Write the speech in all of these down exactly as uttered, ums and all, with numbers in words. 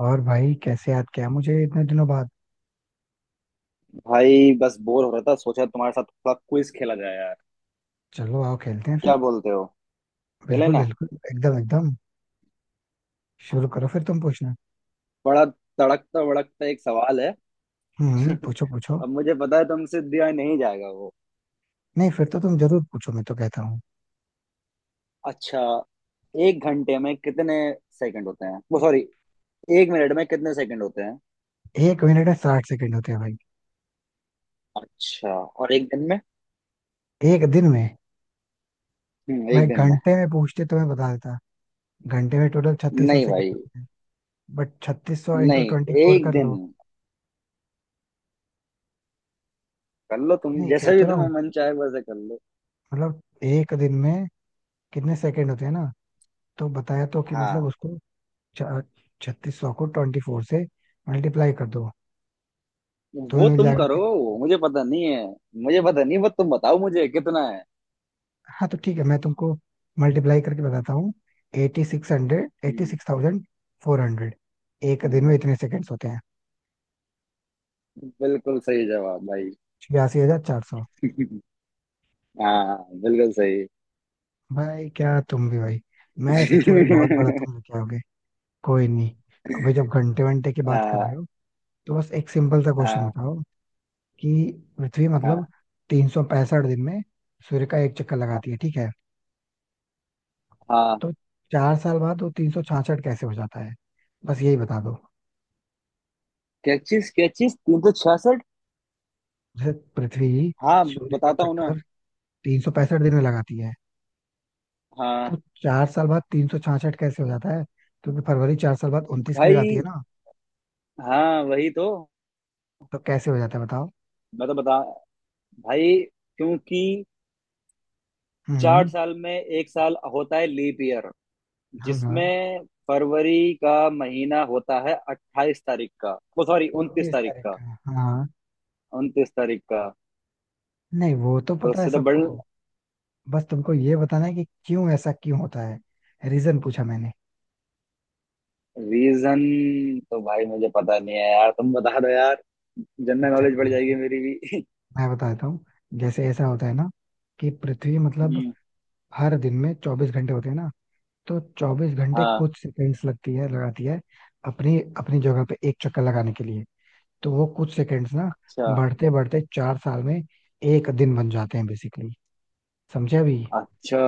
और भाई कैसे याद किया मुझे इतने दिनों बाद? भाई बस बोर हो रहा था सोचा तुम्हारे साथ थोड़ा क्विज खेला जाए यार। चलो आओ खेलते हैं क्या फिर। बोलते हो? खेले बिल्कुल ना। बिल्कुल, एकदम एकदम। शुरू करो फिर, तुम पूछना। बड़ा तड़कता भड़कता एक सवाल है। हम्म, पूछो पूछो। अब मुझे पता है तुमसे दिया नहीं जाएगा वो। नहीं, फिर तो तुम जरूर पूछो, मैं तो कहता हूँ। अच्छा, एक घंटे में कितने सेकंड होते हैं वो सॉरी, एक मिनट में कितने सेकंड होते हैं? एक मिनट में साठ सेकंड होते हैं भाई। अच्छा, और एक दिन में? एक दिन में? हम्म भाई एक दिन में। घंटे में पूछते तो मैं बता देता। घंटे में टोटल छत्तीस सौ नहीं सेकेंड भाई। होते हैं। बट छत्तीस सौ इंटू नहीं, ट्वेंटी फोर एक कर दिन लो। कर लो तुम नहीं, कह जैसे भी तो रहा तुम्हें हूँ। मन चाहे वैसे कर लो। मतलब एक दिन में कितने सेकंड होते हैं ना। तो बताया तो कि मतलब हाँ। उसको छत्तीस सौ को ट्वेंटी फोर से मल्टीप्लाई कर दो, तुम्हें वो मिल तुम जाएगा। करो, मुझे पता नहीं है। मुझे पता नहीं, बस तुम बताओ मुझे कितना। हाँ, तो ठीक है, मैं तुमको मल्टीप्लाई करके बताता हूँ। Eighty six hundred, eighty hmm, six thousand four hundred एक दिन हाँ, में इतने सेकंड्स होते हैं। बिल्कुल सही जवाब भाई। छियासी हजार चार सौ। हाँ, बिल्कुल सही। भाई क्या तुम भी भाई! मैं सोचू भाई बहुत बड़ा तुम लेके आओगे। कोई नहीं। अभी जब घंटे वंटे की बात कर हाँ रहे हो, तो बस एक सिंपल सा क्वेश्चन हाँ बताओ कि पृथ्वी मतलब हाँ तीन सौ पैंसठ दिन में सूर्य का एक चक्कर लगाती है, ठीक है? हाँ। तो चार साल बाद वो तीन सौ छाछठ कैसे हो जाता है? बस यही बता दो। क्या चीज क्या चीज? तीन सौ छियासठ? जैसे पृथ्वी हाँ, सूर्य का बताता हूँ ना। चक्कर तीन सौ पैंसठ दिन में लगाती है, हाँ तो चार साल बाद तीन सौ छाछठ कैसे हो जाता है? क्योंकि फरवरी चार साल बाद उनतीस की हो जाती है भाई। ना। हाँ वही तो। तो कैसे हो जाता है बताओ? मैं तो बता। भाई क्योंकि चार हम्म। साल में एक साल होता है लीप ईयर, हाँ हाँ। जिसमें फरवरी का महीना होता है अट्ठाईस तारीख का। ओ सॉरी, उनतीस उनतीस तारीख तारीख का। का। हाँ। उनतीस तारीख का। नहीं, वो तो तो पता है उससे तो बढ़। सबको। बस तुमको ये बताना है कि क्यों, ऐसा क्यों होता है। रीजन पूछा मैंने। रीजन तो भाई मुझे पता नहीं है यार, तुम बता दो यार। जनरल अच्छा, नॉलेज कोई बढ़ बात जाएगी नहीं, मेरी भी। मैं बताता हूँ। जैसे ऐसा होता है ना कि पृथ्वी, मतलब हम्म, हर दिन में चौबीस घंटे होते हैं ना। तो चौबीस घंटे हाँ। कुछ सेकंड्स लगती है लगाती है अपनी अपनी जगह पे एक चक्कर लगाने के लिए। तो वो कुछ सेकंड्स ना, अच्छा। बढ़ते बढ़ते चार साल में एक दिन बन जाते हैं बेसिकली। समझे अभी? अच्छा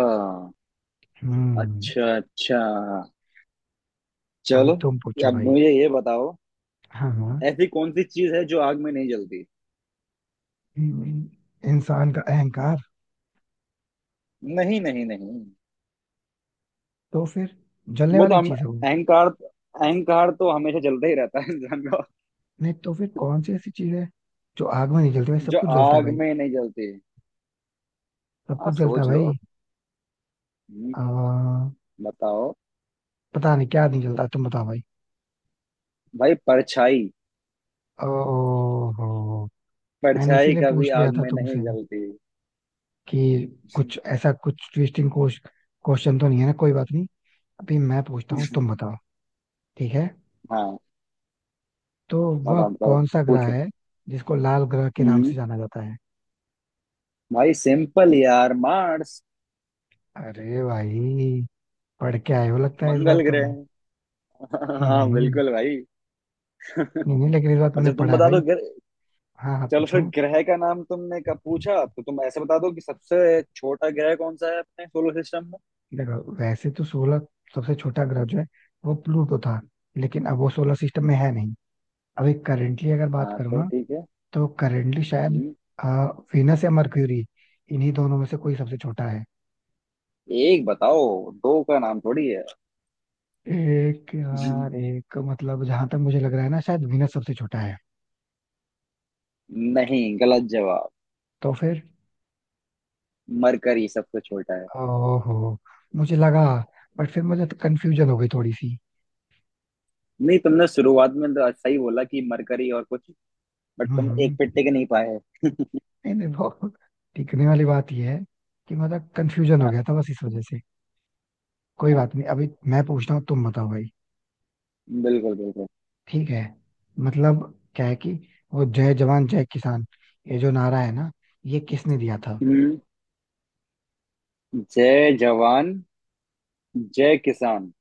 हम्म। अच्छा। अच्छा अभी चलो, तुम पूछो अब भाई। मुझे ये बताओ, हाँ हाँ। ऐसी कौन सी चीज है जो आग में नहीं जलती? हम्म, इंसान का अहंकार। नहीं नहीं नहीं। तो फिर? जलने वो तो वाली हम, चीज है वो। अहंकार अहंकार तो हमेशा जलता ही रहता है इंसान का। नहीं तो फिर कौन सी ऐसी चीज है जो आग में नहीं जलती? भाई, सब जो कुछ जलता है आग भाई। में नहीं जलती। सब हाँ कुछ जलता है सोच लो। भाई। हम्म, आ, बताओ। पता नहीं क्या नहीं जलता, तुम बताओ भाई। भाई परछाई। ओहो। मैंने परछाई इसीलिए कभी पूछ लिया आग था में तुमसे नहीं जलती। कि कुछ ऐसा, कुछ ट्विस्टिंग क्वेश्चन तो नहीं है ना। कोई बात नहीं। अभी मैं पूछता हूँ, तुम बताओ। ठीक है? हाँ। तो वह बताओ बताओ। कौन सा ग्रह पूछो। है जिसको लाल ग्रह के नाम हम्म से जाना जाता है? भाई सिंपल यार, मार्स। अरे भाई! पढ़ के आए हो लगता है इस बार मंगल तुम। ग्रह। हम्म हाँ हम्म, हम्म। बिल्कुल भाई। नहीं नहीं, लेकिन इस बार तुमने अच्छा। तुम पढ़ा है बता दो भाई। ग्रह। हाँ हाँ, चलो फिर पूछो। ग्रह का नाम तुमने कब पूछा, तो तुम ऐसे बता दो कि सबसे छोटा ग्रह कौन सा है अपने सोलर सिस्टम में। देखो वैसे तो सोलह, सबसे छोटा ग्रह जो है वो प्लूटो था, लेकिन अब वो सोलर सिस्टम में है नहीं। अभी करेंटली अगर बात हाँ करूँ तो ना, ठीक है। तो करेंटली शायद हम्म आ, वीनस या मर्क्यूरी, इन्हीं दोनों में से कोई सबसे छोटा है। एक बताओ, दो का नाम थोड़ी है। एक यार, एक मतलब जहां तक मुझे लग रहा है ना, शायद वीनस सबसे छोटा है। नहीं गलत जवाब। तो फिर? मरकरी सबसे छोटा है। ओहो, मुझे लगा। बट फिर मुझे तो कंफ्यूजन हो गई थोड़ी सी। नहीं, तुमने शुरुआत में तो सही बोला कि मरकरी और कुछ, बट तुम एक पे हम्म। टिक नहीं पाए। नहीं नहीं, वो टिकने वाली बात यह है कि मतलब कंफ्यूजन हो हाँ। गया था बस इस वजह से। कोई बात नहीं। अभी मैं पूछता हूँ, तुम बताओ भाई। बिल्कुल बिल्कुल। ठीक है, मतलब क्या है कि वो जय जवान जय किसान, ये जो नारा है ना, ये किसने दिया था? हम्म, जय जवान जय किसान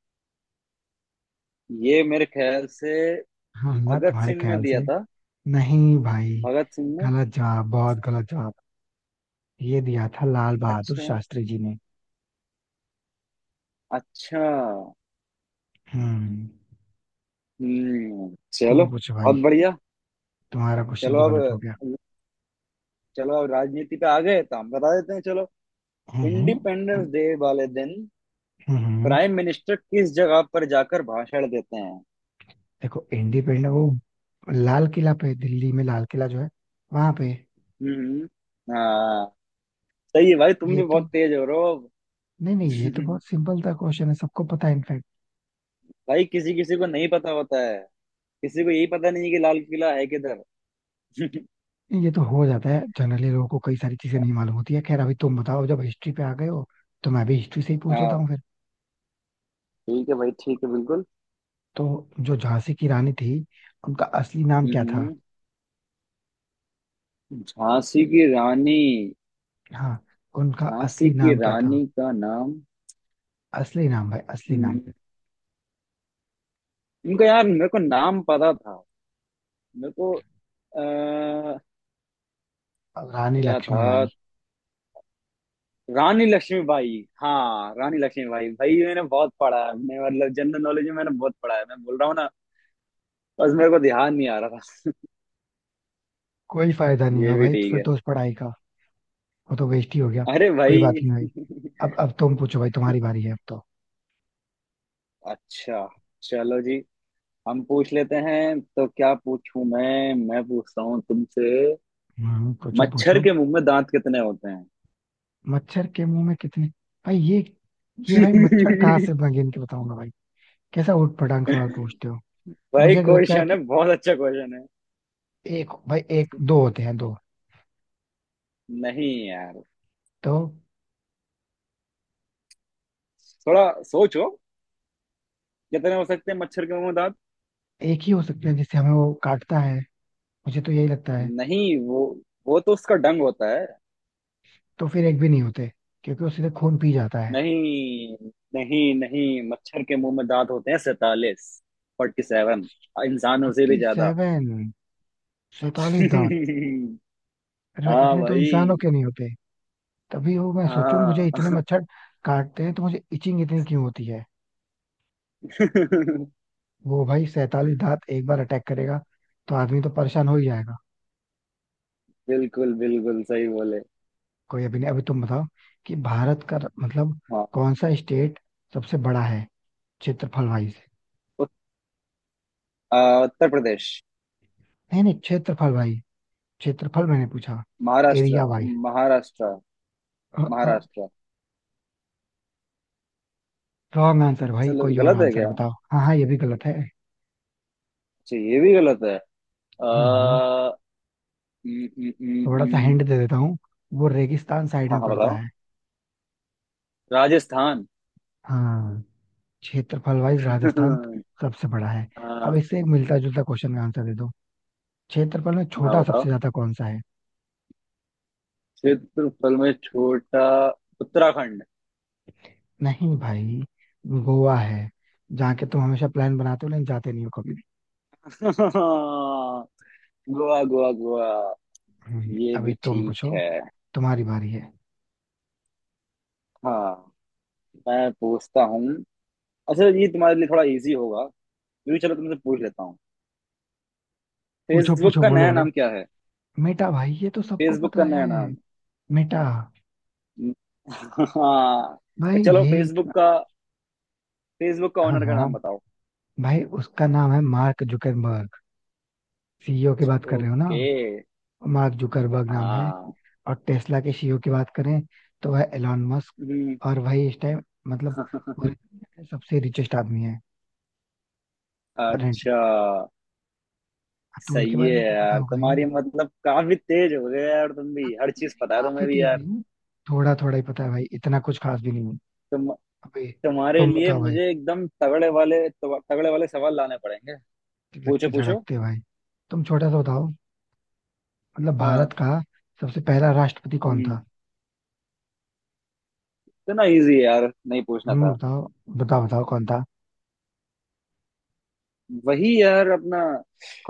ये मेरे ख्याल से हाँ ना, भगत तुम्हारे सिंह ने ख्याल दिया से? था। नहीं भाई, भगत सिंह ने। गलत जवाब, बहुत गलत जवाब। ये दिया था लाल बहादुर अच्छा। शास्त्री जी ने। अच्छा। हम्म। हम्म, चलो तुम पूछो बहुत भाई, बढ़िया। तुम्हारा क्वेश्चन चलो तो अब, गलत हो गया। चलो अब राजनीति पे आ गए तो हम बता देते हैं चलो। हम्म इंडिपेंडेंस डे वाले दिन हम्म हम्म। प्राइम मिनिस्टर किस जगह पर जाकर भाषण देते हैं? देखो इंडिपेंडेंस, वो लाल किला पे, दिल्ली में लाल किला जो है, वहां पे। हम्म। हाँ। सही है भाई, तुम ये भी तो, बहुत तेज हो रहे हो। नहीं नहीं, ये तो बहुत सिंपल सा क्वेश्चन है, सबको पता है इनफैक्ट। भाई किसी किसी को नहीं पता होता है। किसी को यही पता नहीं है कि लाल किला है किधर। ये तो हो जाता है, जनरली लोगों को कई सारी चीजें नहीं मालूम होती है। खैर अभी तुम बताओ, जब हिस्ट्री पे आ गए हो तो मैं भी हिस्ट्री से ही पूछ लेता हाँ। हूँ फिर। ठीक है भाई, ठीक है बिल्कुल। तो जो झांसी की रानी थी, उनका असली नाम क्या था? हम्म झांसी की रानी। हाँ, उनका झांसी असली की नाम क्या था? रानी का नाम। असली नाम भाई, असली नाम। हम्म, उनका यार मेरे को नाम पता था। मेरे को आ, रानी क्या था। लक्ष्मीबाई। रानी लक्ष्मीबाई। हाँ, रानी लक्ष्मीबाई भाई, ये मैंने बहुत पढ़ा है, मैंने मतलब जनरल नॉलेज में मैंने बहुत पढ़ा है, मैं बोल रहा हूँ ना। बस मेरे को ध्यान नहीं आ रहा था। कोई फायदा नहीं ये हुआ भी भाई, ठीक फिर है। तो उस पढ़ाई का वो तो वेस्ट ही हो गया। अरे कोई भाई। बात नहीं भाई। अब अब तुम पूछो भाई, तुम्हारी बारी है अब तो। अच्छा, चलो जी, हम पूछ लेते हैं तो क्या पूछूं मैं मैं पूछता हूँ तुमसे, हम्म, पूछो मच्छर पूछो। के मुंह में दांत कितने होते हैं? मच्छर के मुंह में कितने? भाई ये ये भाई, मच्छर कहाँ से मैं गिन के बताऊंगा भाई? कैसा उठ पटांग सवाल पूछते हो! भाई मुझे लगता है क्वेश्चन कि है, बहुत अच्छा क्वेश्चन है। एक, भाई एक दो होते हैं दो। नहीं यार, तो थोड़ा सोचो, कितने हो सकते हैं मच्छर के मुंह में दांत? एक ही हो सकते हैं जिससे हमें वो काटता है, मुझे तो यही लगता है। नहीं वो वो तो उसका डंग होता है। तो फिर एक भी नहीं होते, क्योंकि वो सीधे खून पी जाता है। नहीं नहीं नहीं, मच्छर के मुंह में दांत होते हैं सैतालीस, फोर्टी सेवन, इंसानों से फोर्टी भी ज्यादा। सेवन सैतालीस दांत? अरे भाई, हाँ इतने तो इंसानों भाई। के नहीं होते! तभी वो, मैं सोचूं मुझे हाँ। इतने मच्छर काटते हैं तो मुझे इचिंग इतनी क्यों होती है। वो भाई, सैतालीस दांत एक बार अटैक करेगा तो आदमी तो परेशान हो ही जाएगा। बिल्कुल बिल्कुल सही बोले। कोई, अभी नहीं, अभी तुम बताओ कि भारत का मतलब हाँ। कौन सा स्टेट सबसे बड़ा है क्षेत्रफल वाइज? उत- आ, उत्तर प्रदेश। नहीं नहीं, क्षेत्रफल भाई, क्षेत्रफल मैंने पूछा, Maharashtra. Area wise. Maharashtra. Maharashtra. Wrong answer भाई, चलो कोई और गलत है आंसर क्या? बताओ। हाँ हाँ, ये भी गलत है। अच्छा ये भी गलत है। आ, हम्म, न, न, थोड़ा सा न, हिंट दे देता हूँ। वो रेगिस्तान साइड हाँ में हाँ पड़ता बताओ। है। राजस्थान। हाँ, क्षेत्रफल वाइज राजस्थान हाँ। सबसे बड़ा है। अब इससे एक मिलता जुलता क्वेश्चन का आंसर दे दो। क्षेत्रफल में हाँ छोटा सबसे बताओ। ज्यादा कौन सा है? क्षेत्रफल में छोटा उत्तराखंड। नहीं भाई, गोवा है, जहाँ के तुम हमेशा प्लान बनाते हो लेकिन जाते नहीं हो कभी भी। गोवा गोवा गोवा। हम्म, ये अभी भी तुम ठीक पूछो, है। तुम्हारी बारी है। हाँ, मैं पूछता हूँ। अच्छा ये तुम्हारे लिए थोड़ा इजी होगा, क्योंकि चलो तुमसे पूछ लेता हूँ, पूछो फेसबुक पूछो, का बोलो नया बोलो। नाम क्या है? मेटा भाई, ये तो सबको फेसबुक का पता है। नया नाम। मेटा। हाँ भाई चलो, ये फेसबुक इतना-, का, फेसबुक का हाँ ओनर का हाँ, नाम बताओ। भाई उसका नाम है मार्क जुकरबर्ग। सीईओ की बात कर रहे हो ना? ओके। मार्क जुकरबर्ग नाम है। हाँ। और टेस्ला के सीईओ की बात करें तो वह एलॉन मस्क, हम्म, और वही इस टाइम मतलब पूरे दुनिया के सबसे रिचेस्ट आदमी है, करंट। अच्छा। तो उनके सही बारे है में तो पता यार, होगा ही तुम्हारी नहीं मतलब काफी तेज हो गए यार, तुम भी अब। हर नहीं, चीज नहीं, पता है तुम्हें काफी भी तेज यार। नहीं, थोड़ा थोड़ा ही पता है भाई, इतना कुछ खास भी नहीं है। तुम, अबे, तुम्हारे तुम लिए बताओ भाई। मुझे एकदम तगड़े वाले, तगड़े वाले सवाल लाने पड़ेंगे। तिलक पूछो पूछो। झड़कते भाई। तुम छोटा सा बताओ, मतलब हाँ। भारत का सबसे पहला राष्ट्रपति कौन हम्म था? इतना इजी है यार, नहीं पूछना हम्म, था। बताओ बताओ, बताओ कौन था? वही यार अपना,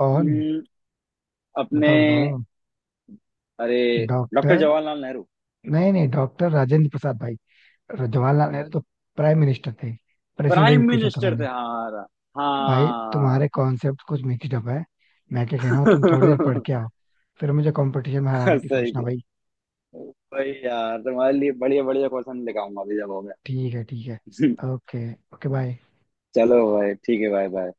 कौन? अपने, बताओ बताओ। अरे, डॉक्टर डॉक्टर? जवाहरलाल नेहरू। नहीं नहीं, डॉक्टर राजेंद्र प्रसाद भाई। जवाहरलाल नेहरू तो प्राइम मिनिस्टर थे, प्राइम प्रेसिडेंट पूछा था मिनिस्टर मैंने। थे हमारा। भाई हाँ। तुम्हारे कॉन्सेप्ट कुछ मिक्सड अप है, मैं क्या कह रहा हूँ। तुम थोड़ी देर पढ़ के आओ, फिर मुझे कंपटीशन में हराने की सही सोचना है भाई। भाई, यार तुम्हारे लिए बढ़िया बढ़िया क्वेश्चन लेकर आऊंगा अभी जब हो ठीक है ठीक है। गया। Okay okay, bye. चलो भाई ठीक है भाई।